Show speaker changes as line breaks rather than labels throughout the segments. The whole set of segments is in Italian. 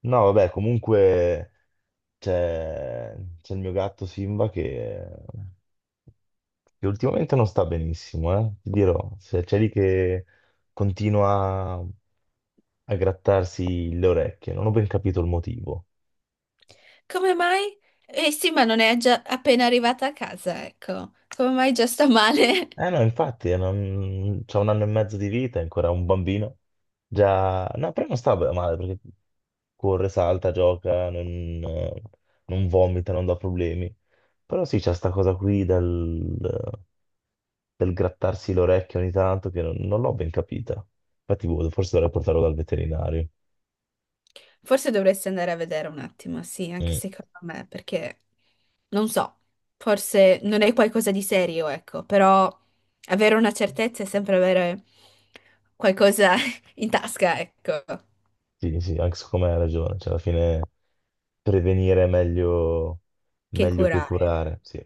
No, vabbè, comunque c'è c'è il mio gatto Simba che ultimamente non sta benissimo, eh? Ti dirò, se c'è lì che continua a grattarsi le orecchie, non ho ben capito il motivo.
Come mai? Eh sì, ma non è già appena arrivata a casa, ecco. Come mai già sta male?
Eh no, infatti, non... c'ha un anno e mezzo di vita, è ancora un bambino, già. No, però non sta male perché corre, salta, gioca, eh, non vomita, non dà problemi. Però sì, c'è sta cosa qui del grattarsi l'orecchio ogni tanto, che non l'ho ben capita. Infatti, boh, forse dovrei portarlo dal veterinario.
Forse dovresti andare a vedere un attimo, sì, anche
Mm.
secondo me, perché non so, forse non è qualcosa di serio, ecco, però avere una certezza è sempre avere qualcosa in tasca, ecco,
Sì, sì, anche secondo me hai ragione. Cioè, alla fine prevenire è meglio,
che
meglio che
curare.
curare, sì.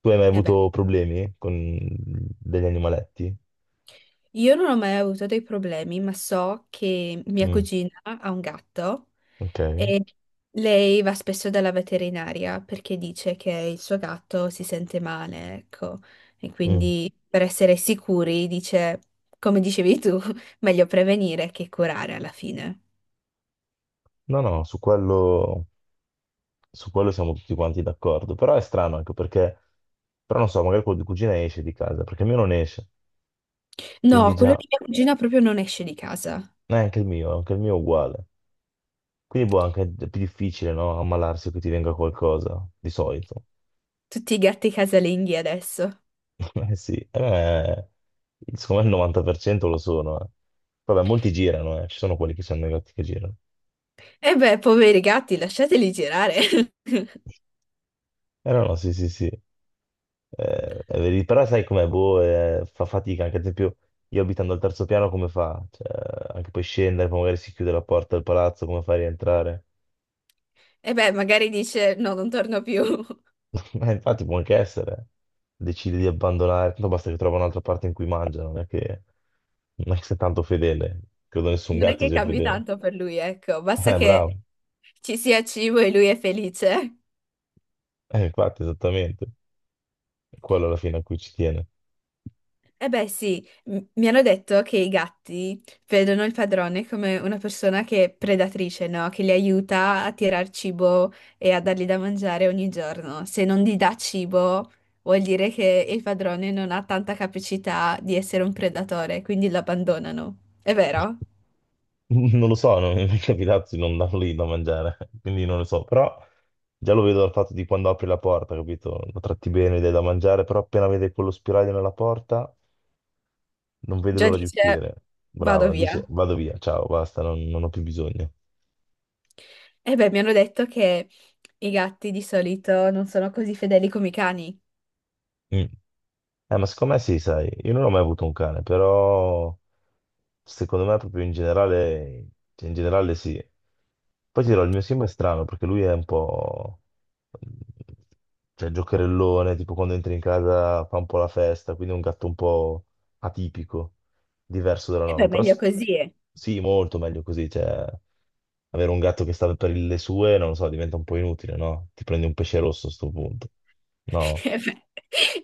Tu hai mai
E beh,
avuto problemi con degli animaletti?
io non ho mai avuto dei problemi, ma so che mia
Mm,
cugina ha un gatto.
ok.
E lei va spesso dalla veterinaria perché dice che il suo gatto si sente male, ecco. E
Mm.
quindi per essere sicuri dice, come dicevi tu, meglio prevenire che curare alla fine.
No, no, su quello siamo tutti quanti d'accordo. Però è strano anche perché, però non so, magari quello di cugina esce di casa, perché il mio non esce. Quindi
No, quello
già,
di mia cugina proprio non esce di casa.
anche il mio è uguale. Quindi boh, anche più difficile, no? Ammalarsi o che ti venga qualcosa, di solito.
Tutti i gatti casalinghi adesso.
Eh sì, secondo me il 90% lo sono. Eh. Vabbè, molti girano, eh. Ci sono quelli che sono negati che girano.
E beh, poveri gatti, lasciateli girare.
Eh no, no, sì, sì, sì. Però sai com'è, boh, fa fatica, anche ad esempio io abitando al terzo piano come fa? Cioè, anche poi scendere, poi magari si chiude la porta del palazzo, come fa a rientrare?
E beh, magari dice no, non torno più.
Infatti può anche essere, decide di abbandonare, tanto basta che trova un'altra parte in cui mangia, non è che sia tanto fedele, credo nessun
Non è
gatto
che
sia
cambi
fedele.
tanto per lui, ecco, basta
Bravo,
che ci sia cibo e lui è felice.
infatti esattamente, è quello alla fine a cui ci tiene.
Eh beh, sì, mi hanno detto che i gatti vedono il padrone come una persona che è predatrice, no? Che li aiuta a tirar cibo e a dargli da mangiare ogni giorno. Se non gli dà cibo, vuol dire che il padrone non ha tanta capacità di essere un predatore, quindi lo abbandonano. È vero?
Non lo so, non mi è mai capitato di non darlo lì da mangiare, quindi non lo so, però già lo vedo dal fatto di quando apri la porta, capito? Lo tratti bene, gli dai da mangiare, però appena vede quello spiraglio nella porta. Non vede
Già
l'ora di
dice,
uscire.
vado
Brava,
via.
dice vado via, ciao, basta, non ho più bisogno.
Eh beh, mi hanno detto che i gatti di solito non sono così fedeli come i cani.
Mm. Ma secondo me sì, sai, io non ho mai avuto un cane, però secondo me proprio in generale, cioè, in generale sì. Poi ti dirò, il mio Sim è strano perché lui è un po', cioè giocherellone, tipo quando entri in casa fa un po' la festa, quindi è un gatto un po' atipico, diverso dalla
E
norma.
beh,
Però
meglio così. Eh.
sì, molto meglio così, cioè avere un gatto che sta per le sue, non lo so, diventa un po' inutile, no? Ti prendi un pesce rosso a sto punto. No,
Eh beh,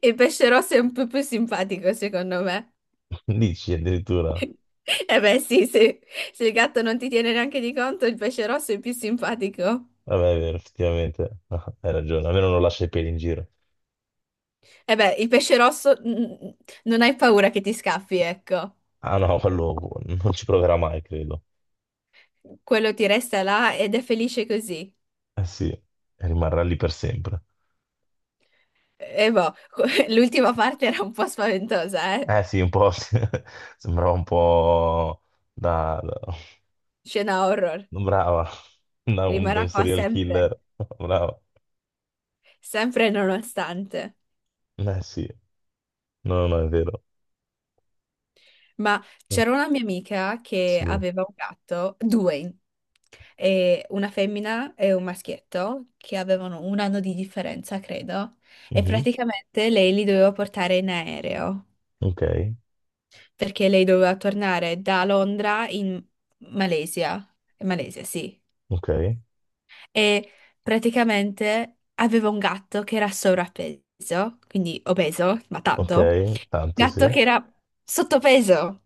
il pesce rosso è un po' più simpatico, secondo me.
dici addirittura.
Eh beh, sì, se, se il gatto non ti tiene neanche di conto, il pesce rosso è più simpatico.
Vabbè, è vero, effettivamente, hai ragione, almeno non lascia i peli in giro.
Eh beh, il pesce rosso mm, non hai paura che ti scappi, ecco.
Ah no, quello non ci proverà mai, credo.
Quello ti resta là ed è felice così.
Eh sì, rimarrà lì per sempre.
E boh, l'ultima parte era un po' spaventosa, eh?
Eh sì, un po' sì. Sembrava un po' da... da-
Scena horror.
brava, da un, da
Rimarrà
un
qua
serial killer.
sempre,
Brava.
sempre e nonostante.
Eh sì, no, no, no, è vero.
Ma
Mm,
c'era una mia amica che
sì.
aveva un gatto, due. E una femmina e un maschietto che avevano un anno di differenza, credo, e
Mhm.
praticamente lei li doveva portare in aereo
Ok,
perché lei doveva tornare da Londra in Malesia, Malesia, sì,
ok,
e praticamente aveva un gatto che era sovrappeso, quindi obeso, ma tanto,
ok, tanto
gatto
sì.
che era sottopeso.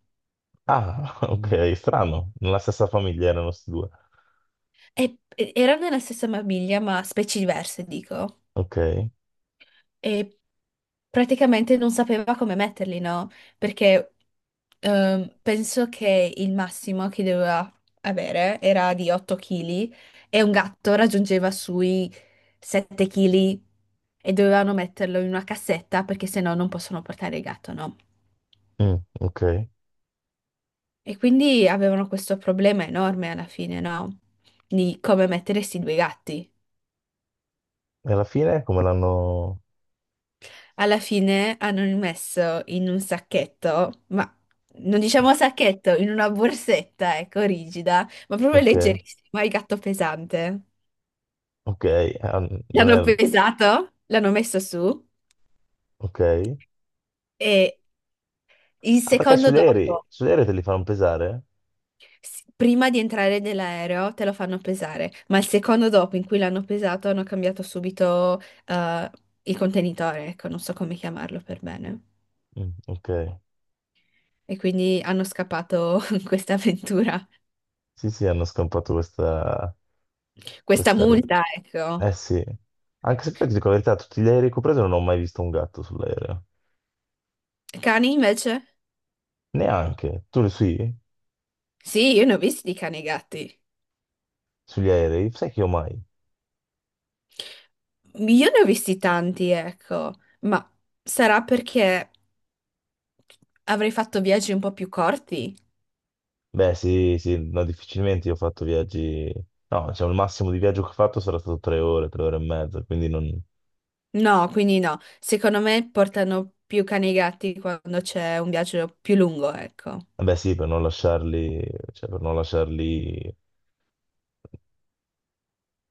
Ah, ok, strano, nella stessa famiglia erano questi due.
E erano nella stessa famiglia, ma specie diverse, dico.
Ok,
E praticamente non sapeva come metterli, no? Perché penso che il massimo che doveva avere era di 8 kg e un gatto raggiungeva sui 7 kg e dovevano metterlo in una cassetta perché sennò non possono portare il gatto, no?
mm, ok. E
E quindi avevano questo problema enorme alla fine, no? Di come mettere questi due gatti.
alla fine come l'hanno.
Alla fine hanno rimesso in un sacchetto, ma non diciamo sacchetto, in una borsetta, ecco, rigida, ma proprio
Ok,
leggerissima, il gatto pesante.
ok, ah, non
L'hanno
era.
pesato, l'hanno messo su
Ok.
e il
Ah, perché
secondo
sugli aerei,
dopo,
sugli aerei te li fanno pesare?
prima di entrare nell'aereo, te lo fanno pesare, ma il secondo dopo in cui l'hanno pesato hanno cambiato subito eh, il contenitore, ecco, non so come chiamarlo per bene.
Mm, ok.
E quindi hanno scappato questa avventura,
Sì, sì, hanno scampato questa,
questa
questa regola.
multa, ecco.
Eh sì. Anche se poi ti dico la verità, tutti gli aerei che ho preso non ho mai visto un gatto sull'aereo.
Cani invece?
Neanche. Tu lo sì?
Sì, io ne ho visti di cani e gatti.
Sugli aerei? Sai che io mai?
Io ne ho visti tanti, ecco, ma sarà perché avrei fatto viaggi un po' più corti?
Beh, sì, sì, no, difficilmente io ho fatto viaggi. No, diciamo, il massimo di viaggio che ho fatto sarà stato tre ore e mezza, quindi non.
No, quindi no. Secondo me portano più cani e gatti quando c'è un viaggio più lungo, ecco.
Vabbè sì, per non lasciarli, cioè per non lasciarli,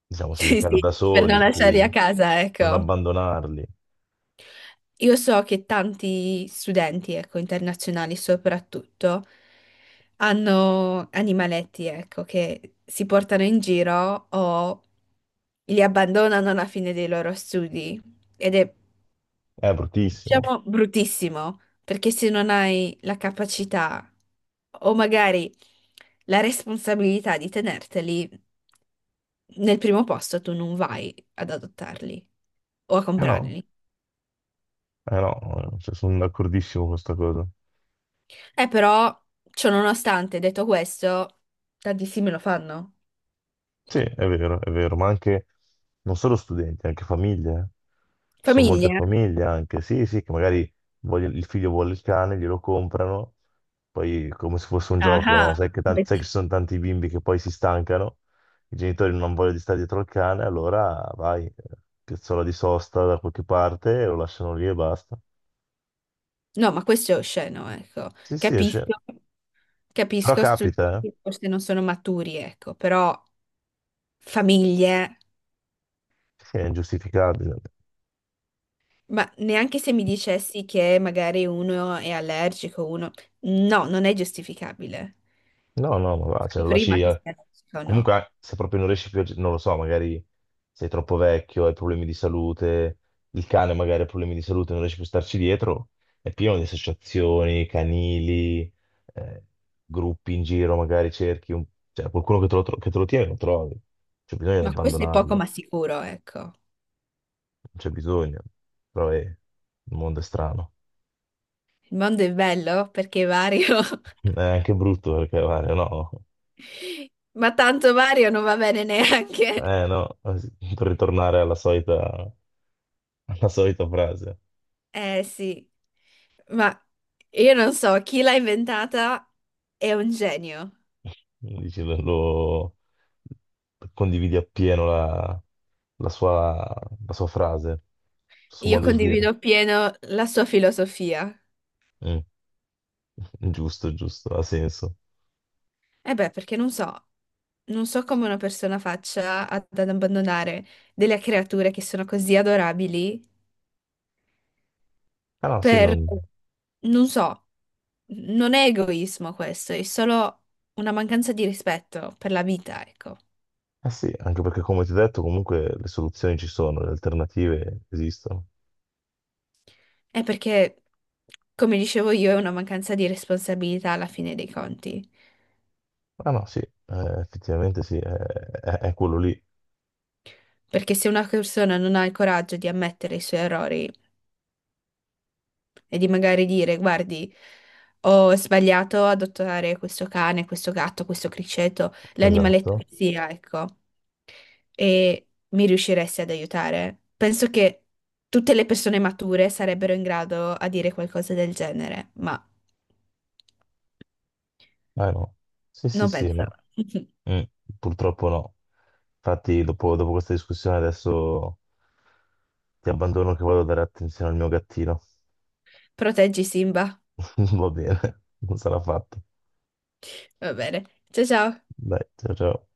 diciamo sì, in
Sì,
casa
sì,
da
per non
soli,
lasciarli a
sì,
casa,
per non
ecco.
abbandonarli.
Io so che tanti studenti, ecco, internazionali soprattutto, hanno animaletti, ecco, che si portano in giro o li abbandonano alla fine dei loro studi. Ed è,
È bruttissimo.
diciamo, bruttissimo, perché se non hai la capacità o magari la responsabilità di tenerteli, nel primo posto tu non vai ad adottarli o a
Eh no,
comprarli.
eh no, cioè, sono d'accordissimo con questa cosa.
Però, ciononostante, detto questo, tantissimi lo fanno.
Sì, è vero, ma anche non solo studenti, anche famiglie. Eh. Ci sono molte
Famiglie?
famiglie anche, sì, sì, che magari il figlio vuole il cane, glielo comprano, poi come se fosse un
Ah,
gioco, no?
ah,
Sai che
competi-
ci sono tanti bimbi che poi si stancano, i genitori non vogliono di stare dietro al cane, allora vai, piazzola di sosta da qualche parte, lo lasciano lì e basta.
no, ma questo è osceno, ecco.
Sì, sì, esce.
Capisco,
Però
capisco,
capita, eh?
studenti forse non sono maturi, ecco, però famiglie,
Sì, è ingiustificabile.
ma neanche se mi dicessi che magari uno è allergico, uno... No, non è giustificabile.
No, no, ma va, cioè,
Sai
lo
prima
lasci...
che
eh,
sia allergico o no.
Comunque, se proprio non riesci più, non lo so, magari sei troppo vecchio, hai problemi di salute, il cane magari ha problemi di salute, non riesci più a starci dietro, è pieno di associazioni, canili, eh, gruppi in giro, magari cerchi cioè, qualcuno che che te lo tiene, lo trovi. C'è bisogno di
Ma questo è
abbandonarlo,
poco
non
ma sicuro, ecco.
c'è bisogno. Però il mondo è strano.
Il mondo è bello perché è vario.
È anche brutto perché, guarda, no,
Ma tanto Mario non va bene neanche.
eh no, per ritornare alla solita frase.
Eh sì, ma io non so, chi l'ha inventata è un genio.
Dici, condividi appieno la sua, la sua frase, il suo
Io
modo di dire.
condivido pieno la sua filosofia.
Mm, giusto, giusto, ha senso.
Eh beh, perché non so, non so come una persona faccia ad abbandonare delle creature che sono così adorabili
Ah no, sì,
per,
non.
non so, non è egoismo questo, è solo una mancanza di rispetto per la vita, ecco.
Eh sì, anche perché come ti ho detto, comunque le soluzioni ci sono, le alternative esistono.
È perché, come dicevo io, è una mancanza di responsabilità alla fine dei conti.
Ah no, sì, effettivamente sì, è quello lì,
Perché se una persona non ha il coraggio di ammettere i suoi errori e di magari dire, guardi, ho sbagliato ad adottare questo cane, questo gatto, questo criceto, l'animaletto
esatto.
che sia, ecco, e mi riusciresti ad aiutare, penso che tutte le persone mature sarebbero in grado a dire qualcosa del genere, ma
Ah no, sì, sì,
non
sì,
penso.
no. Mm, purtroppo no. Infatti, dopo questa discussione, adesso ti abbandono che vado a dare attenzione al mio gattino.
Proteggi Simba.
Va bene, non sarà fatto.
Va bene. Ciao ciao.
Dai, ciao ciao.